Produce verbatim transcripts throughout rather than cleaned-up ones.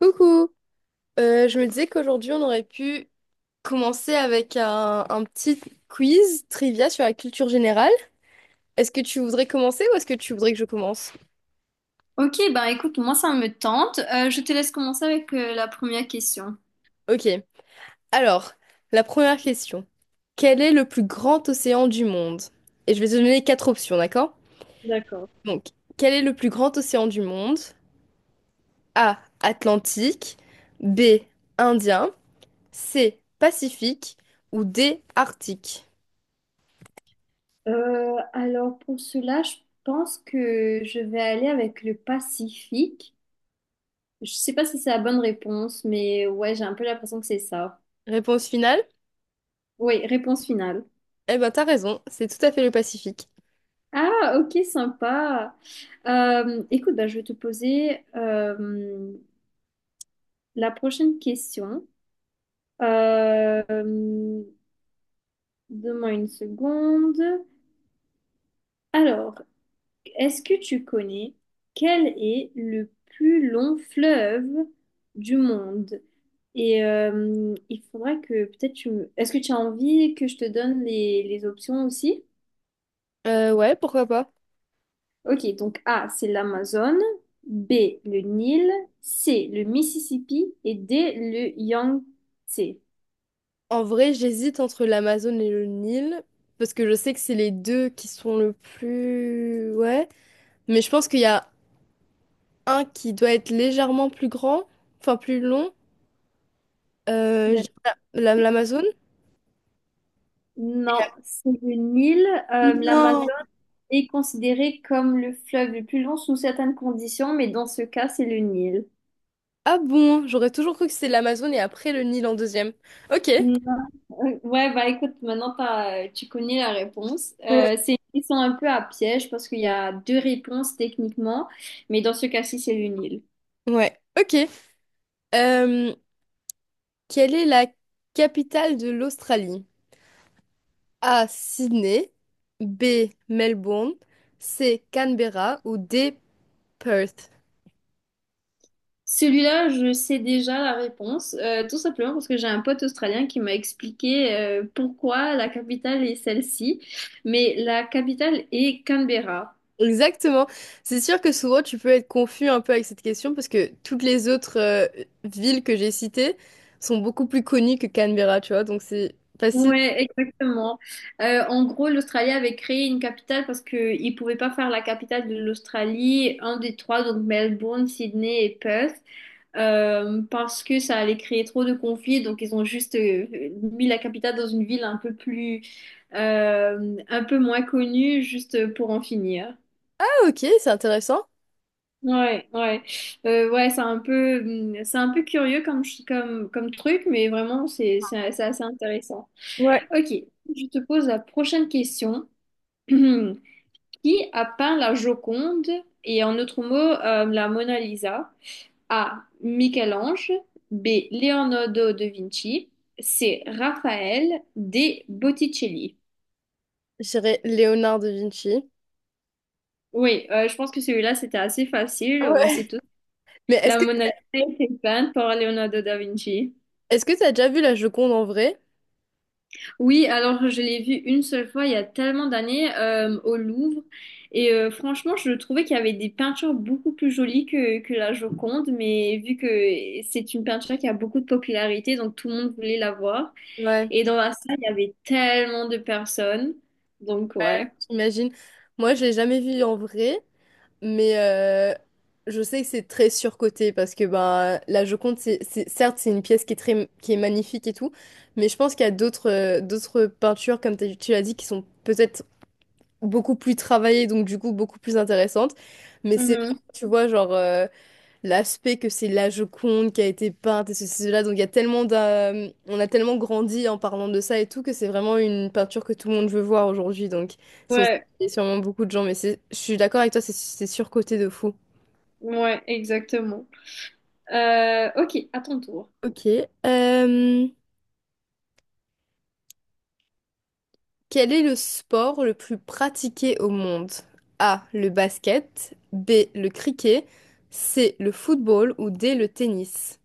Coucou. Euh, je me disais qu'aujourd'hui on aurait pu commencer avec un, un petit quiz trivia sur la culture générale. Est-ce que tu voudrais commencer ou est-ce que tu voudrais que je commence? Ok, ben écoute, moi ça me tente. Euh, je te laisse commencer avec euh, la première question. Ok, alors, la première question. Quel est le plus grand océan du monde? Et je vais te donner quatre options, d'accord? D'accord. Donc, quel est le plus grand océan du monde? A. Atlantique, B. Indien, C. Pacifique ou D. Arctique. Euh, alors pour cela, je pense que je vais aller avec le Pacifique. Je sais pas si c'est la bonne réponse, mais ouais, j'ai un peu l'impression que c'est ça. Réponse finale? Oui, réponse finale. Eh ben, t'as raison, c'est tout à fait le Pacifique. Ah, ok, sympa. Euh, écoute, bah, je vais te poser euh, la prochaine question. Euh, donne-moi une seconde. Alors, est-ce que tu connais quel est le plus long fleuve du monde? Et euh, il faudrait que peut-être tu me... est-ce que tu as envie que je te donne les, les options aussi? Euh, ouais, pourquoi pas. Ok, donc A, c'est l'Amazone, B, le Nil, C, le Mississippi et D, le Yangtze. En vrai, j'hésite entre l'Amazone et le Nil, parce que je sais que c'est les deux qui sont le plus... Ouais, mais je pense qu'il y a un qui doit être légèrement plus grand, enfin plus long, euh, je- D'ac- la- l'Amazone. Et Non, la- c'est le Nil. Euh, l'Amazone Non. est considéré comme le fleuve le plus long sous certaines conditions, mais dans ce cas, c'est le Nil. Ah bon, j'aurais toujours cru que c'était l'Amazone et après le Nil en deuxième. Ok. Ouais, bah écoute, maintenant t'as- euh, tu connais la réponse. Ouais. Euh, c'est une question un peu à piège parce qu'il y a deux réponses techniquement, mais dans ce cas-ci, c'est le Nil. Ouais, ok. Euh, quelle est la capitale de l'Australie? A. Sydney. B. Melbourne. C. Canberra. Ou D. Perth. Celui-là, je sais déjà la réponse, euh, tout simplement parce que j'ai un pote australien qui m'a expliqué euh, pourquoi la capitale est celle-ci, mais la capitale est Canberra. Exactement. C'est sûr que souvent tu peux être confus un peu avec cette question parce que toutes les autres euh, villes que j'ai citées sont beaucoup plus connues que Canberra, tu vois. Donc c'est facile. Ouais, exactement. Euh, en gros, l'Australie avait créé une capitale parce qu'ils ne pouvaient pas faire la capitale de l'Australie, un des trois, donc Melbourne, Sydney et Perth. euh, parce que ça allait créer trop de conflits. Donc, ils ont juste euh, mis la capitale dans une ville un peu plus, euh, un peu moins connue, juste pour en finir. Ah ok, c'est intéressant. Ouais, ouais, Euh, ouais, c'est un peu, hum, c'est un peu curieux comme, ch- comme, comme truc, mais vraiment, c'est, c'est, c'est assez intéressant. Ouais. Ok, je te pose la prochaine question. Qui a peint la Joconde et en autre mot, euh, la Mona Lisa? A. Michel-Ange. B. Leonardo da Vinci. C. Raphaël. D. Botticelli. J'irais Léonard de Vinci. Oui, euh, je pense que celui-là, c'était assez facile. On Ouais. sait tous. Mais est-ce La que Mona Lisa a peinte par Leonardo da Vinci. Est-ce que t'as déjà vu la Joconde en vrai? Oui, alors je l'ai vu une seule fois il y a tellement d'années euh, au Louvre. Et euh, franchement, je trouvais qu'il y avait des peintures beaucoup plus jolies que, que la Joconde. Mais vu que c'est une peinture qui a beaucoup de popularité, donc tout le monde voulait la voir. Ouais, Et dans la salle, il y avait tellement de personnes. Donc, ouais. j'imagine. Moi, je l'ai jamais vue en vrai, mais euh, je sais que c'est très surcoté parce que ben la Joconde, c'est, c'est- certes, c'est une pièce qui est très, qui est magnifique et tout, mais je pense qu'il y a d'autres euh, d'autres peintures, comme t'as- tu l'as dit, qui sont peut-être beaucoup plus travaillées, donc du coup beaucoup plus intéressantes. Mais c'est, Mhm. tu vois, genre. Euh, l'aspect que c'est la Joconde qui a été peinte et ceci, cela. Donc il y a tellement d'a- On a tellement grandi en parlant de ça et tout que c'est vraiment une peinture que tout le monde veut voir aujourd'hui. Donc sur- Ouais, il y a sûrement beaucoup de gens, mais c'est, je suis d'accord avec toi, c'est c'est surcoté de fou. ouais, exactement. Euh, ok, à ton tour. Ok. euh, quel est le sport le plus pratiqué au monde? A. Le basket. B. Le cricket. C. Le football. Ou D. Le tennis.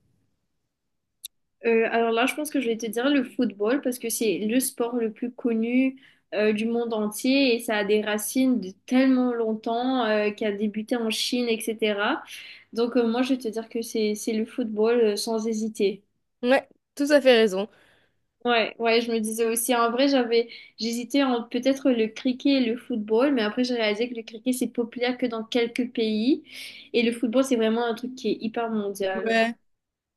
Euh, alors là, je pense que je vais te dire le football parce que c'est le sport le plus connu euh, du monde entier et ça a des racines de tellement longtemps euh, qui a débuté en Chine, et cétéra. Donc, euh, moi, je vais te dire que c'est c'est le football euh, sans hésiter. Ouais, tout à fait raison. Ouais, ouais, je me disais aussi, en vrai, j'avais, j'hésitais entre peut-être le cricket et le football, mais après j'ai réalisé que le cricket c'est populaire que dans quelques pays et le football c'est vraiment un truc qui est hyper mondial. Ouais.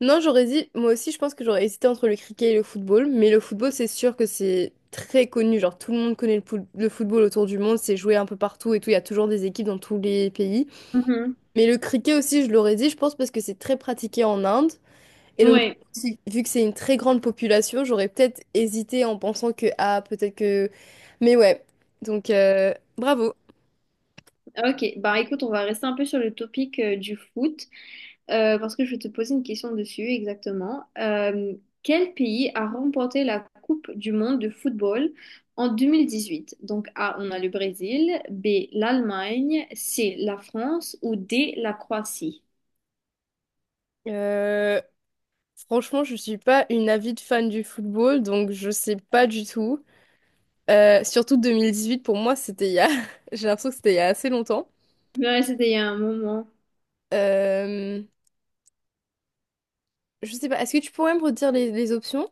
Non, j'aurais dit, moi aussi, je pense que j'aurais hésité entre le cricket et le football, mais le football, c'est sûr que c'est très connu. Genre, tout le monde connaît le, poul- le football autour du monde, c'est joué un peu partout et tout. Il y a toujours des équipes dans tous les pays. Mhm. Mais le cricket aussi, je l'aurais dit, je pense, parce que c'est très pratiqué en Inde. Et donc, Ouais, si- vu que c'est une très grande population, j'aurais peut-être hésité en pensant que, ah, peut-être que. Mais ouais, donc, euh, bravo. ok. Bah écoute, on va rester un peu sur le topic euh, du foot euh, parce que je vais te poser une question dessus exactement. Euh, quel pays a remporté la Coupe du monde de football en deux mille dix-huit? Donc A, on a le Brésil, B, l'Allemagne, C, la France ou D, la Croatie? Euh, franchement, je suis pas une avide fan du football, donc je sais pas du tout. Euh, surtout deux mille dix-huit, pour moi, c'était il y a... J'ai l'impression que c'était il y a assez longtemps. Ouais, c'était il y a un moment. Euh, je sais pas, est-ce que tu pourrais me redire les, les options?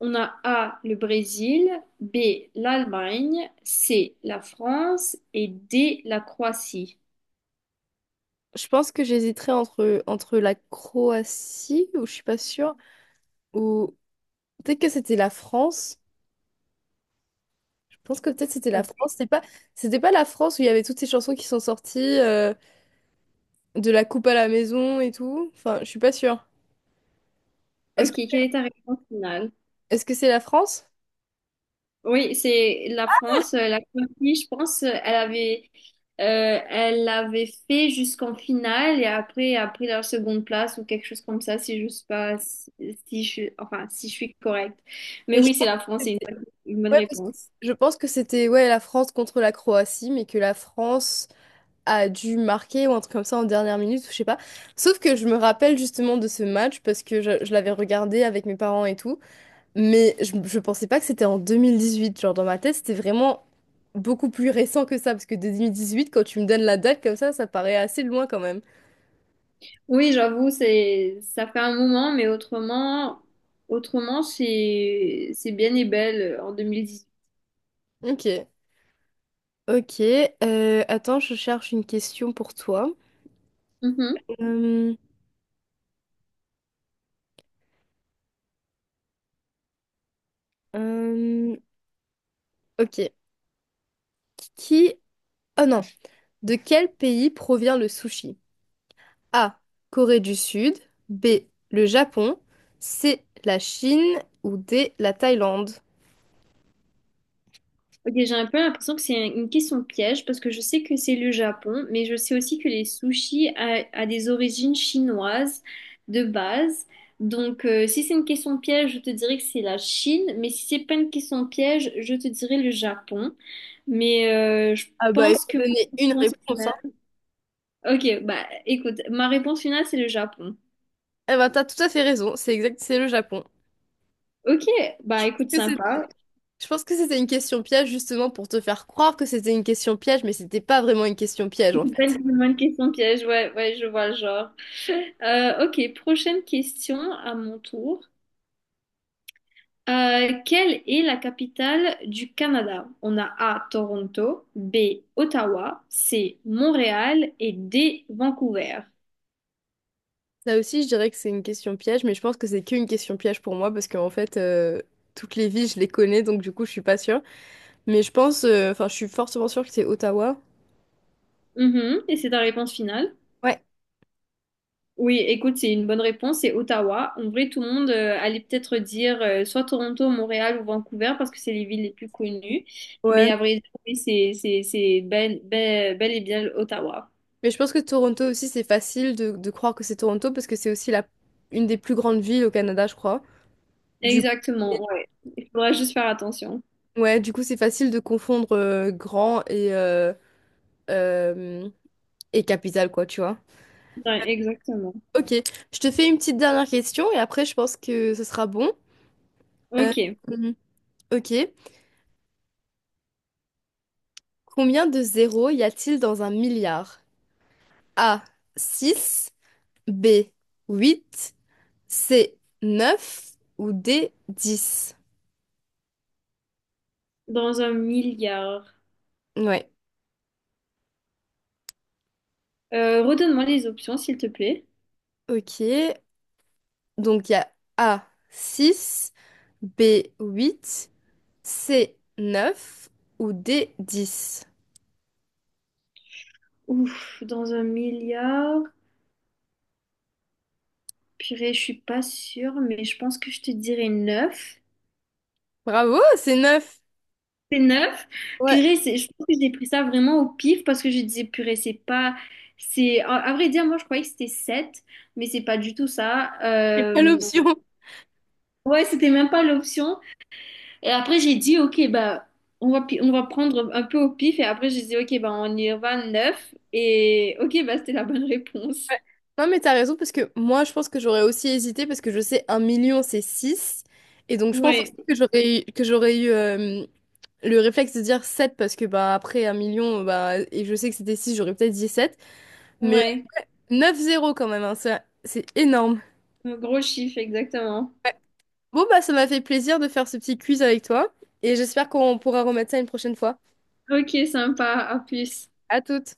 On a A, le Brésil, B, l'Allemagne, C, la France et D, la Croatie. Je pense que j'hésiterais entre, entre la Croatie, ou je suis pas sûre, ou peut-être que c'était la France. Je pense que peut-être c'était la Euh, France. C'était pas, c'était pas la France où il y avait toutes ces chansons qui sont sorties, euh, de la coupe à la maison et tout. Enfin, je suis pas sûre. Est-ce Ok, que, quelle est ta réponse finale? Est-ce que c'est la France? Oui, c'est la France. Euh, La Croatie, je pense, euh, elle avait, euh, elle l'avait fait jusqu'en finale et après a pris leur seconde place ou quelque chose comme ça, si je suis pas, si, si je, suis- enfin, si je suis correcte. Mais Mais je oui, c'est pense la que France, c'est une c'était- bonne une bonne ouais, parce que réponse. je pense que c'était ouais, la France contre la Croatie, mais que la France a dû marquer ou un truc comme ça en dernière minute, ou je sais pas. Sauf que je me rappelle justement de ce match parce que je, je l'avais regardé avec mes parents et tout, mais je, je pensais pas que c'était en deux mille dix-huit. Genre dans ma tête, c'était vraiment beaucoup plus récent que ça parce que deux mille dix-huit, quand tu me donnes la date comme ça, ça paraît assez loin quand même. Oui, j'avoue, c'est ça fait un moment, mais autrement, autrement, c'est c'est bien et belle euh, en deux mille dix-huit. Ok. Ok, euh, attends, je cherche une question pour toi. Mhm. Euh, euh, ok. Qui... Oh non. De quel pays provient le sushi? A. Corée du Sud. B. Le Japon. C. La Chine. Ou D. La Thaïlande. Ok, j'ai un peu l'impression que c'est un- une question piège parce que je sais que c'est le Japon, mais je sais aussi que les sushis a, a des origines chinoises de base. Donc, euh, si c'est une question piège, je te dirais que c'est la Chine, mais si c'est pas une question piège, je te dirais le Japon. Mais euh, je Ah bah, il pense faut que ma donner une réponse réponse, hein. finale- Ok, bah écoute, ma réponse finale, c'est le Japon. Eh ben, t'as tout à fait raison. C'est exact, c'est le Japon. Ok, Je bah pense écoute, que c'est- sympa. je pense que c'était une question piège, justement, pour te faire croire que c'était une question piège, mais c'était pas vraiment une question piège, en Une Bonne, fait. une bonne question piège, ouais, ouais, je vois le genre. Euh, ok, prochaine question à mon tour. Euh, quelle est la capitale du Canada? On a A, Toronto, B, Ottawa, C, Montréal et D, Vancouver. Là aussi, je dirais que c'est une question piège, mais je pense que c'est qu'une question piège pour moi, parce qu'en fait, euh, toutes les villes, je les connais, donc du coup, je suis pas sûre. Mais je pense, euh, enfin, je suis fortement sûre que c'est Ottawa. Mhm, et c'est ta réponse finale? Ouais. Oui, écoute, c'est une bonne réponse, c'est Ottawa. En vrai, tout le monde euh, allait peut-être dire euh, soit Toronto, Montréal ou Vancouver parce que c'est les villes les plus connues. Mais Ouais. à vrai dire, oui, c'est c'est- c'est bel, bel, bel et bien Ottawa. Mais je pense que Toronto aussi, c'est facile de, de croire que c'est Toronto parce que c'est aussi la, une des plus grandes villes au Canada, je crois. Du Exactement, ouais. Il faudra juste faire attention. ouais, du coup, c'est facile de confondre euh, grand et, euh, euh, et capitale, quoi, tu vois. Ouais, exactement. Ok, je te fais une petite dernière question et après, je pense que ce sera bon. Euh, Ok, mhm. Ok, combien de zéros y a-t-il dans un milliard? A, six, B, huit, C, neuf ou D, dix. dans un milliard. Ouais, Euh, redonne-moi les options, s'il te plaît. ok. Donc il y a A six, B huit, C neuf ou D dix. Ouf, dans un milliard. Purée, je suis pas sûre, mais je pense que je te dirais neuf. Bravo, c'est neuf. C'est neuf. Ouais, Purée, c'est, je pense que j'ai pris ça vraiment au pif parce que je disais, purée, c'est pas. C'est, à à vrai dire, moi, je croyais que c'était sept mais c'est pas du tout ça. quelle Euh, option? ouais, c'était même pas l'option. Et après, j'ai dit, OK, bah, on va, pi- on va prendre un peu au pif. Et après, j'ai dit, OK, bah, on y va neuf. Et OK, bah, c'était la bonne réponse. Non mais t'as raison parce que moi je pense que j'aurais aussi hésité parce que je sais un million c'est six et donc je pense Ouais, aussi que j'aurais eu, que j'aurais eu euh, le réflexe de dire sept parce que bah après un million bah et je sais que c'était six j'aurais peut-être dit sept mais ouais. neuf zéro quand même hein, ça, c'est énorme. Un gros chiffre, exactement. Bon, bah, ça m'a fait plaisir de faire ce petit quiz avec toi et j'espère qu'on pourra remettre ça une prochaine fois. OK, sympa. À plus. À toutes!